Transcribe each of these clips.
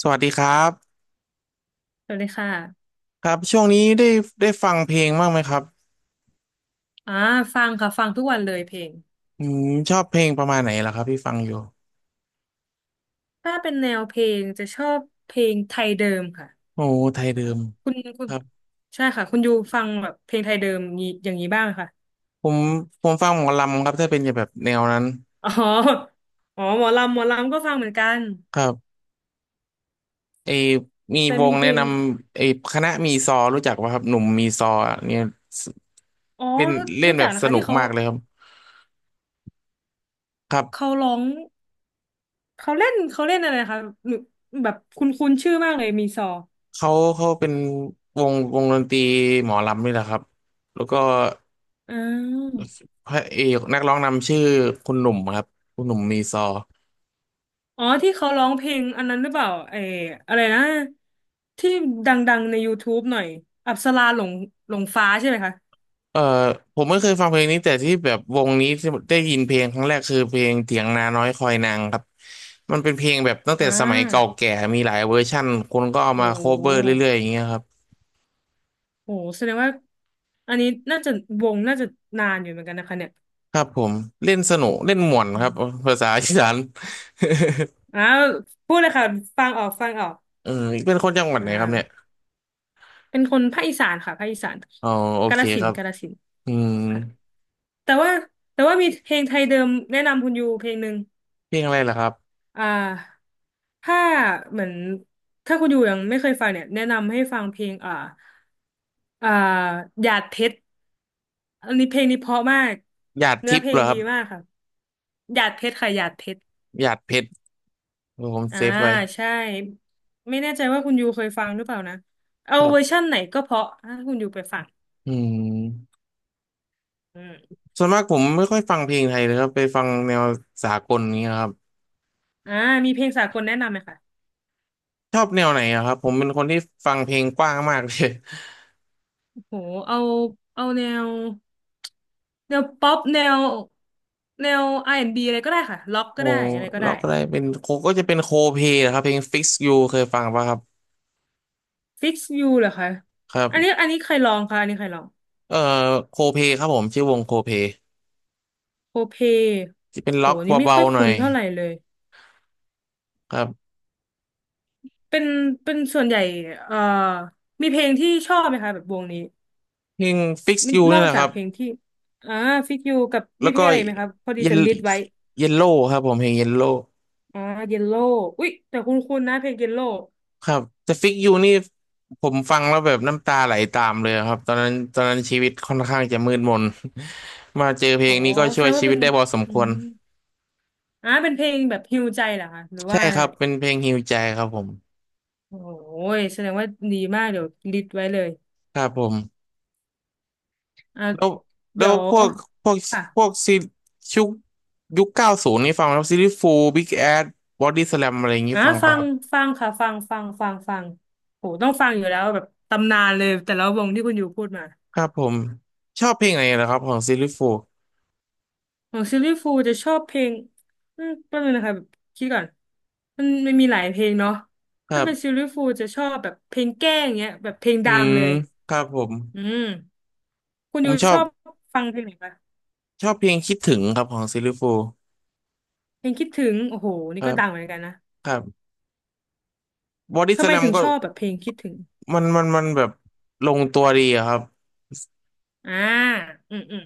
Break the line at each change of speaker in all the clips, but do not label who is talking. สวัสดีครับ
สวัสดีค่ะ
ครับช่วงนี้ได้ฟังเพลงบ้างไหมครับ
อ่าฟังค่ะ ฟังทุกวันเลยเพลง
อืมชอบเพลงประมาณไหนล่ะครับพี่ฟังอยู่
ถ้าเป็นแนวเพลงจะชอบเพลงไทยเดิมค่ะ
โอ้ไทย
อ่า
เดิม
คุณคุ
ค
ณ
รับ
ใช่ค่ะ คุณยูฟังแบบเพลงไทยเดิมนี้อย่างนี้บ้างไหมค่ะ
ผมฟังหมอลำครับถ้าเป็นแบบแนวนั้น
อ๋ออ๋อ หมอลำหมอลำก็ฟังเหมือนกัน
ครับไอมี
แต่
ว
มี
ง
เพ
แนะ
ล
น
ง
ำคณะมีซอรู้จักป่ะครับหนุ่มมีซออะเนี่ย
อ๋อ
เล่น
รู้
เล่น
รู้
แบ
จัก
บ
นะ
ส
คะ
นุ
ที่
ก
เขา
มากเลยครับครั
เขา
บ
ร้องเขาเล่นอะไรนะคะหนูแบบคุ้นคุ้นชื่อมากเลยมีซอ
เขาเขาเป็นวงดนตรีหมอลำนี่แหละครับแล้วก็
อ่า
พระเอกนักร้องนำชื่อคุณหนุ่มครับคุณหนุ่มมีซอ
อ๋อที่เขาร้องเพลงอันนั้นหรือเปล่าไอ้อะไรนะที่ดังๆใน YouTube หน่อยอัปสราหลงหลงฟ้าใช่ไหมคะ
เออผมไม่เคยฟังเพลงนี้แต่ที่แบบวงนี้ที่ได้ยินเพลงครั้งแรกคือเพลงเถียงนาน้อยคอยนางครับมันเป็นเพลงแบบตั้ง
อ่
แต่สมัยเก่า
า
แก่มีหลายเวอร์ชั่นคนก็เอา
โอ้
มา
โ
โคเวอร์เรื่
ห
อยๆอย่างเงี้ยครับ
โอ้โหแสดงว่าอันนี้น่าจะวงน่าจะนานอยู่เหมือนกันนะคะเนี่ย
ครับผมเล่นสนุกเล่นม่วน
อื
ครับ
ม
ภาษาอีสาน
อาวพูดเลยค่ะฟังออก
เออเป็นคนจังหวัด
อ่
ไหนครับเนี่ย
าเป็นคนภาคอีสานค่ะภาคอีสาน
อ๋อโอ
กา
เค
ฬสิ
ค
น
รั
ธุ์
บ
กาฬสินธุ์
อืม
ค่ะแต่ว่าแต่ว่ามีเพลงไทยเดิมแนะนำคุณยูเพลงหนึ่ง
เพลงอะไรล่ะครับ
อ่าถ้าเหมือนถ้าคุณอยู่ยังไม่เคยฟังเนี่ยแนะนำให้ฟังเพลงอ่าหยาดเพชรอันนี้เพลงนี้เพราะมาก
หยาด
เนื้อ
ทิพ
เพ
ย์
ล
เหร
ง
อค
ดี
รับ
มากค่ะหยาดเพชรค่ะหยาดเพชร
หยาดเพชรเออผม
อ่า
เซฟไว้
ใช่ไม่แน่ใจว่าคุณยูเคยฟังหรือเปล่านะเอา
ครั
เวอร์
บ
ชั่นไหนก็เพราะถ้าคุณยูไปฟัง
อืม
อืม
ส่วนมากผมไม่ค่อยฟังเพลงไทยเลยครับไปฟังแนวสากลนี้ยครับ
อ่ามีเพลงสากลแนะนำไหมคะ
ชอบแนวไหนอะครับผมเป็นคนที่ฟังเพลงกว้างมากเลย
โหเอาเอาแนวป๊อปแนวอาร์แอนด์บีอะไรก็ได้ค่ะล็อก
โอ้
ก็ได้อะไรก็
เรา
ได้
ก็ได้เป็นโคก็จะเป็นโคเพลครับเพลง Fix You เคยฟังป่ะครับ
ฟิกซ์ยูเหรอคะ
ครั
อันนี้
บ
อันนี้ใครลองคะ อันนี้ใครลอง
เอ่อโคเพลครับผมชื่อวงโคเพล
โคเพ
จะเป็น
โห
ล็อก
นี่ไม่
เบา
ค่อย
ๆหน่
คุ้
อ
น
ย
เท่าไหร่เลย
ครับ
เป็น เป็นส่วนใหญ่เอ่อมีเพลงที่ชอบไหมคะแบบวงนี้
เพลง Fix
มี
You
นอ
นี่
ก
แหละ
จา
ค
ก
รับ
เพลงที่อ่าฟิกยูกับ มี
แล้ว
เพ
ก็
ลงอะไรอีกไหมคะพอดี
เย
จะ
ล
ลิสต์ไว้
เยลโล่ครับผมเพลงเยลโล่
อ่าเยลโล่อุ๊ยแต่คุ้นๆนะเพลงเยลโล่
ครับแต่ Fix You นี่ผมฟังแล้วแบบน้ำตาไหลตามเลยครับตอนนั้นชีวิตค่อนข้างจะมืดมน มาเจอเพล
อ๋อ
งนี้ก็
แส
ช่ว
ด
ย
งว่า
ชีวิ
เป็
ต
น
ได้พอสม
อื
ควร
มเป็นเพลงแบบฮีลใจเหรอคะหรือ
ใช่
ว่าอะ
ครั
ไร
บเป็นเพลงฮีลใจครับผม
โอ้ยแสดงว่าดีมากเดี๋ยวลิสต์ไว้เลย
ครับผม
อ่า
แล้วแล้
เดี๋
ว
ยว
พวกพวก
ค่ะ
พวกซีชุกยุค90นี่ฟังไหมครับซีรีส์ฟูบิ๊กแอดบอดี้สแลมอะไรอย่างนี้
อ่ะ
ฟัง
ฟั
ป่ะค
ง
รับ
ฟังค่ะฟังโหต้องฟังอยู่แล้วแบบตำนานเลยแต่ละวงที่คุณอยู่พูดมา
ครับผมชอบเพลงไหนเหรอครับของซีรีส์ฟู
ของซิลลี่ฟูลจะชอบเพลงอืมแป๊บนึงนะคะแบบคิดก่อนมันมีหลายเพลงเนาะ
ครั
ถ้าเป็นซิล
บ
ลี่ฟูลจะชอบแบบเพลงแกล้งเงี้ยแบบเพลง
อื
ดัง
ม
เลย
ครับผม
อืมคุณ
ผ
อ
ม
ยู่
ชอ
ช
บ
อบฟังเพลงไหนปะ
ชอบเพลงคิดถึงครับของซีรีส์ฟู
เพลงคิดถึงโอ้โห
ค
นี่
รั
ก็
บ
ดังเหมือนกันนะ
ครับบอดี้ส
ทำไม
แลม
ถึง
ก็
ชอบแบบเพลงคิดถึง
มันแบบลงตัวดีอะครับ
อ่าอืม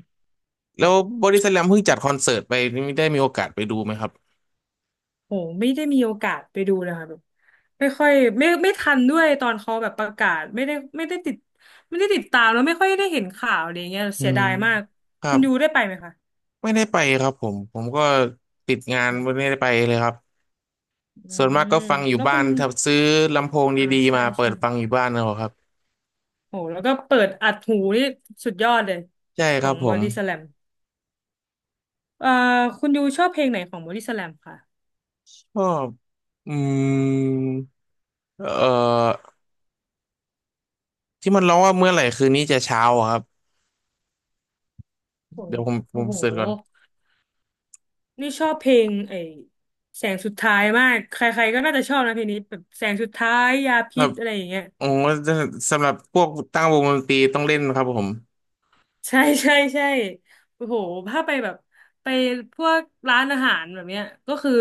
แล้
แบบ
วบอดี้สแลมเพิ่งจัดคอนเสิร์ตไปนี่ได้มีโอกาสไปดูไหมครับ
โหไม่ได้มีโอกาสไปดูเลยค่ะแบบไม่ค่อยไม่ทันด้วยตอนเขาแบบประกาศไม่ได้ติดตามแล้วไม่ค่อยได้เห็นข่าวอะไรเงี้ย
อื
เสีย
ม
ดายมาก
ครั
คุณ
บ
ยูได้ไปไหมคะ
ไม่ได้ไปครับผมผมก็ติดงาน
โห
ไม่ได้ไปเลยครับ
อื
ส่วนมาก
ม
ก็ฟังอยู่
แล้ว
บ้า
คุ
น
ณ
ถ้าซื้อลำโพงดีๆ
ใช่
มาเปิ
ใช่
ดฟังอยู่บ้านเอาครับ
โหแล้วก็เปิดอัดหูนี่สุดยอดเลย
ใช่
ข
ค
อ
รับ
ง
ผ
บอ
ม
ดี้สแลมเอ่อคุณยูชอบเพลงไหนของบอดี้สแลมค่ะ
ชอบอืมเอ่อที่มันร้องว่าเมื่อไหร่คืนนี้จะเช้าอะครับ
โห
เดี๋ยวผมผ
โอ้
ม
โห
เสิร์ชก่อน
นี่ชอบเพลงไอ้แสงสุดท้ายมากใครๆก็น่าจะชอบนะเพลงนี้แบบแสงสุดท้ายยา
ค
พิ
รั
ษ
บ
อะไรอย่างเงี้ย
โอ้สำหรับพวกตั้งวงดนตรีต้องเล่นครับผม
ใช่ใช่ใช่โอ้โหถ้าไปแบบไปพวกร้านอาหารแบบเนี้ยก็คือ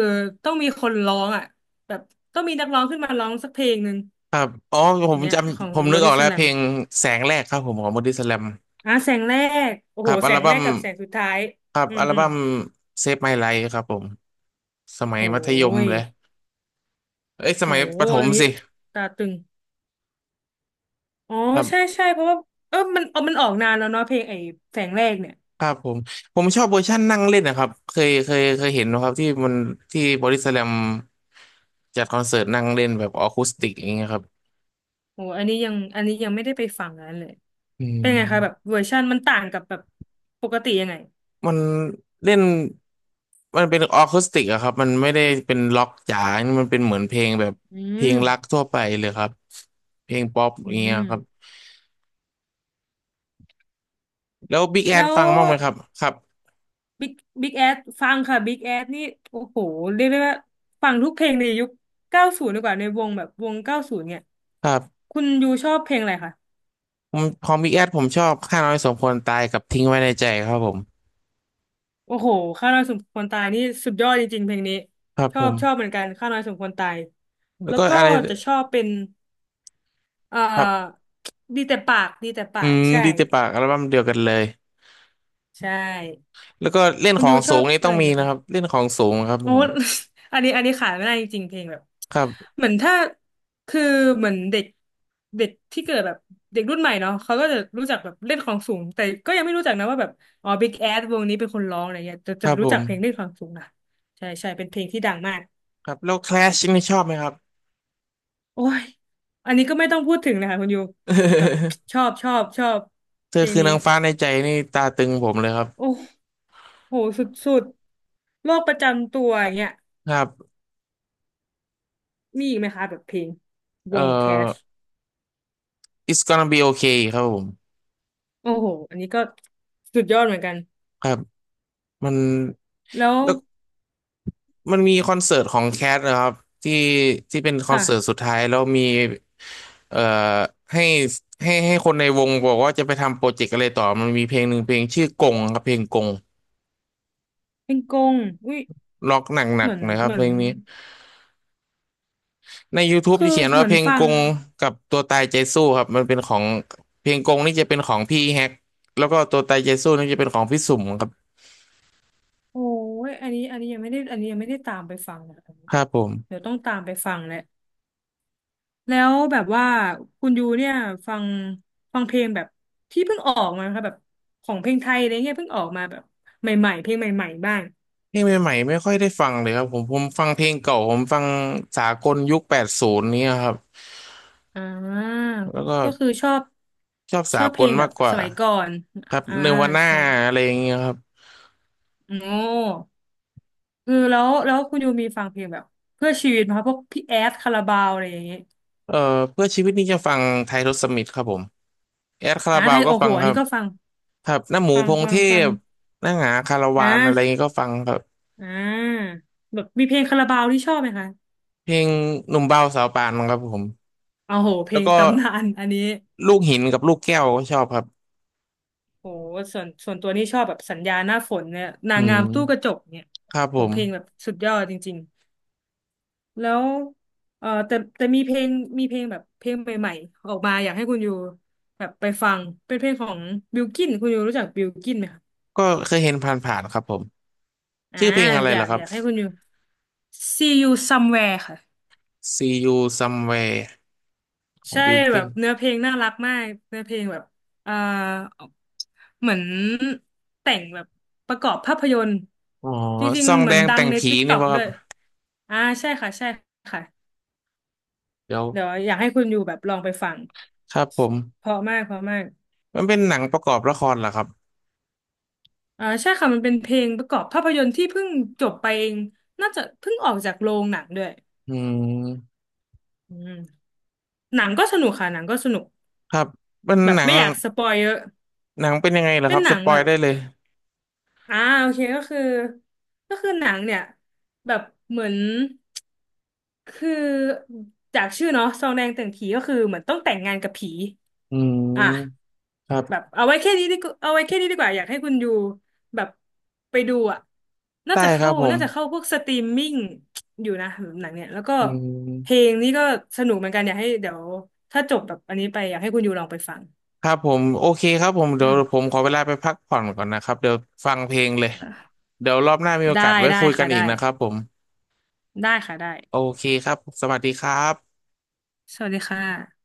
ต้องมีคนร้องอ่ะแบบต้องมีนักร้องขึ้นมาร้องสักเพลงหนึ่ง
ครับอ๋อผ
อย่า
ม
งเงี้
จ
ยของ
ำผม
บ
นึ
อ
กออ
ดี้
ก
ส
แล้ว
แล
เพ
ม
ลงแสงแรกครับผมของบอดี้สแลม
อ่ะแสงแรกโอ้
ค
โห
รับอั
แส
ล
งแร
บั้ม
กกับแสงสุดท้าย
ครับ
อืม
อัล
อืม
บั้ม Save My Life ครับผม สมัย
โอ้
มัธยม
ย
เลยเอ้ย ส
โอ้
มัย
โห
ประถ
อั
ม
นนี้
สิ
ตาตึงอ๋อ
ครั
ใช่
บ
ใช่เพราะว่าเออมันมันออกนานแล้วเนาะเพลงไอ้แสงแรกเนี่ย
ครับผม ผมชอบเวอร์ชันนั่งเล่นนะครับเคยเห็นนะครับที่มันบอดี้สแลมจัดคอนเสิร์ตนั่งเล่นแบบออคูสติกอย่างเงี้ยครับ
โอ้อันนี้ยังอันนี้ยังไม่ได้ไปฟังนั้นเลย
อื
เป็นไงคะแบบ
ม
เวอร์ชันมันต่างกับแบบปกติยังไง
มันเล่นมันเป็นออคูสติกอะครับมันไม่ได้เป็นล็อกจ๋ามันเป็นเหมือนเพลงแบบ
อื
เพลงรัก
ม
ทั่วไปเลยครับเพลงป๊อปอ
อื
ย่างเงี้ยครับ
ม
แล้วบิ๊กแอ
แล้
ด
ว
ฟังบ้างไหมครับครับ
บิ๊กบิ๊กแอดฟังค่ะบิ๊กแอดนี่โอ้โหเรียกได้ว่าฟังทุกเพลงในยุคเก้าศูนย์ดีกว่าในวงแบบวงเก้าศูนย์เนี่ย
ครับ
คุณยูชอบเพลงอะไรคะ
ผมของบิ๊กแอดผมชอบข้าน้อยสมควรตายกับทิ้งไว้ในใจครับผม
โอ้โหข้าวน้อยสมควรตายนี่สุดยอดจริงๆเพลงนี้
ครับ
ช
ผ
อบชอบเห
ม
มือนกันข้าวน้อยสมควรตาย
แล้ว
แล้ว
ก็
ก็
อะไร
จะชอบเป็นเอ่
ครับ
อดีแต่ปากดีแต่ปา
อื
ก
ม
ใช่
ดีเจปากอัลบั้มเดียวกันเลย
ใช่
แล้วก็เล่น
คุ
ข
ณ
อ
ยู
ง
ช
สู
อ
ง
บ
นี่ต้
อะ
อง
ไร
มี
ไหม
นะ
คะ
ครับเล่นของสูงครับ
โอ้
ผม
อันนี้ขายไม่ได้จริงๆเพลงแบบ
ครับ
เหมือนถ้าคือเหมือนเด็กเด็กที่เกิดแบบเด็กรุ่นใหม่เนาะเขาก็จะรู้จักแบบเล่นของสูงแต่ก็ยังไม่รู้จักนะว่าแบบอ๋อ Big Ass วงนี้เป็นคนร้องอะไรเงี้ยจะ
ค
จะ
รับ
รู้
ผ
จัก
ม
เพลงเล่นของสูงนะใช่ใช่เป็นเพลงที่ดังมาก
ครับแล้วแคลชนี่ชอบไหมครับ
โอ้ยอันนี้ก็ไม่ต้องพูดถึงเลยค่ะคุณยูแบบชอ บชอบชอบ
เธอ
เพลง
คือ
นี้
นางฟ้าในใจนี่ตาตึงผมเลยครับ
โอ้โหสุดสุดโรคประจำตัวอย่างเงี้ย
ครับ
มีอีกไหมคะแบบเพลงว
เอ่อ
งแคช
It's gonna be okay ครับผม
โอ้โหอันนี้ก็สุดยอดเหมือนกัน
ครับมัน
แล้ว
แล้ว มันมีคอนเสิร์ตของแคทนะครับที่ที่เป็นคอนเสิร์ต
ค่ะ
สุดท้ายแล้วมีเอ่อให้ให้คนในวงบอกว่าจะไปทำโปรเจกต์อะไรต่อมันมีเพลงหนึ่งเพลงชื่อกงครับเพลงกง
เป็นกงอุ้ย
ล็อกหนั
เห
ก
มือน
ๆนะครับ
เหมื
เพ
อน
ลงนี้ใน YouTube
คื
จะ
อ
เขียน
เห
ว่า
มือ
เพ
น
ลง
ฟั
ก
ง
งกับตัวตายใจสู้ครับมันเป็นของเพลงกงนี่จะเป็นของพี่แฮกแล้วก็ตัวตายใจสู้นี่จะเป็นของพี่สุ่มครับ
โอ้ยอันนี้อันนี้ยังไม่ได้อันนี้ยังไม่ได้ตามไปฟังนะ
ครับผ
เดี๋
ม
ยวต้องตามไปฟังแหละแล้วแบบว่าคุณยูเนี่ยฟังฟังเพลงแบบที่เพิ่งออกมาค่ะแบบของเพลงไทยอะไรเงี้ยเพิ่งออกมาแบบใหม่ๆเพลงใหม่ๆบ้าง
เพลงใหม่ๆไม่ค่อยได้ฟังเลยครับผมผมฟังเพลงเก่าผมฟังสากลยุค80นี้ยครับ
อ่า
แล้วก็
ก็คือชอบ
ชอบ
ช
สา
อบเพ
ก
ล
ล
งแบ
มาก
บ
ก
ส
ว่า
มัยก่อน
ครับ
อ่า
เนวาน่า
ใช่
อะไรอย่างเงี้ยครับ
โอ้ เออแล้วคุณยูมีฟังเพลงแบบเพื่อชีวิตไหมคะพวกพี่แอดคาราบาวอะไรอย่างเงี้ย
เอ่อเพื่อชีวิตนี่จะฟังไทยรสมิธครับผมแอดคารา
อ่า
บา
ไท
ว
ย
ก็
โอ้โห
ฟัง
อั
ค
น
รั
นี้
บ
ก็ฟัง
ครับหน้าหมูพงเท
ฟัง
พหน้าหงาคารา
อ่
วานอะไรเงี้
า
ยก็ฟังครับ
อ่าแบบมีเพลงคาราบาวที่ชอบไหมคะ
เพลงหนุ่มเบาสาวปานครับผม
โอ้โหเพล
แล้ว
ง
ก็
ตำนานอันนี้
ลูกหินกับลูกแก้วก็ชอบครับ
โหส่วนตัวนี่ชอบแบบสัญญาหน้าฝนเนี่ยนา
อื
งงาม
ม
ตู้กระจกเนี่ย
ครับผ
โห
ม
เพลงแบบสุดยอดจริงๆแล้วเออแต่มีเพลงแบบเพลงใหม่ๆออกมาอยากให้คุณยูแบบไปฟังเป็นเพลงของบิลกินคุณยูรู้จักบิลกินไหมคะ
ก็เคยเห็นผ่านๆครับผม
อ่า
ชื่อเพลงอะไรล่ะค
อ
รับ
ยากให้คุณอยู่ See you somewhere ค่ะ
See You Somewhere ของ
ใช่
บิล
แบ
กิน
บเนื้อเพลงน่ารักมากเนื้อเพลงแบบเอ่อเหมือนแต่งแบบประกอบภาพยนตร์
อ๋อ
จริ
ซ
ง
อ
ๆ
ง
เหมื
แด
อน
ง
ดั
แต่
ง
ง
ใน
ผีนี่
TikTok
ป่ะค
ด้
รั
ว
บ
ยอ่าใช่ค่ะใช่ค่ะ
เดี๋ยว
เดี๋ยวอยากให้คุณอยู่แบบลองไปฟัง
ครับผม
เพราะมากเพราะมาก
มันเป็นหนังประกอบละครเหรอครับ
อ่าใช่ค่ะมันเป็นเพลงประกอบภาพยนตร์ที่เพิ่งจบไปเองน่าจะเพิ่งออกจากโรงหนังด้วย
อืม
อืมหนังก็สนุกค่ะหนังก็สนุก
ครับเป็น
แบบ
หนัง
ไม่อยากสปอยเยอะ
หนังเป็นยังไงเหรอ
เป็
ค
น
รับ
หนั
ส
ง
ปอ
แบ
ย
บ
ได้เลย
อ่าโอเค ก็คือก็คือหนังเนี่ยแบบเหมือนคือจากชื่อเนาะซองแดงแต่งผีก็คือเหมือนต้องแต่งงานกับผี
อื
อ่ะ
มครั
แบบ
บ
เอาไว้แค่นี้ดีกว่าเอาไว้แค่นี้ดีกว่าอยากให้คุณอยู่แบบไปดูอ่ะน่า
ได้
จะ
ครั
เข้า
บผม
พวกสตรีมมิ่งอยู่นะหนังเนี่ยแล้วก็
อื
เพล
ม
งนี้ก็สนุกเหมือนกันอยากให้เดี๋ยวถ้าจบแบบอันนี้ไปอยากให้คุณอยู่ลองไปฟัง
ครับผมโอเคครับผม
อื
เดี๋ยวผ
ม
มขอเวลาไปพักผ่อนก่อนนะครับเดี๋ยวฟังเพลงเลย เดี๋ยวรอบหน้ามีโอ
ได้
กาสไว้
ได้
คุยกั
ค่ะ
นอี
ได้
กนะครับผม
ได้ค่ะได้
โอเคครับสวัสดีครับ
สวัสดีค่ะ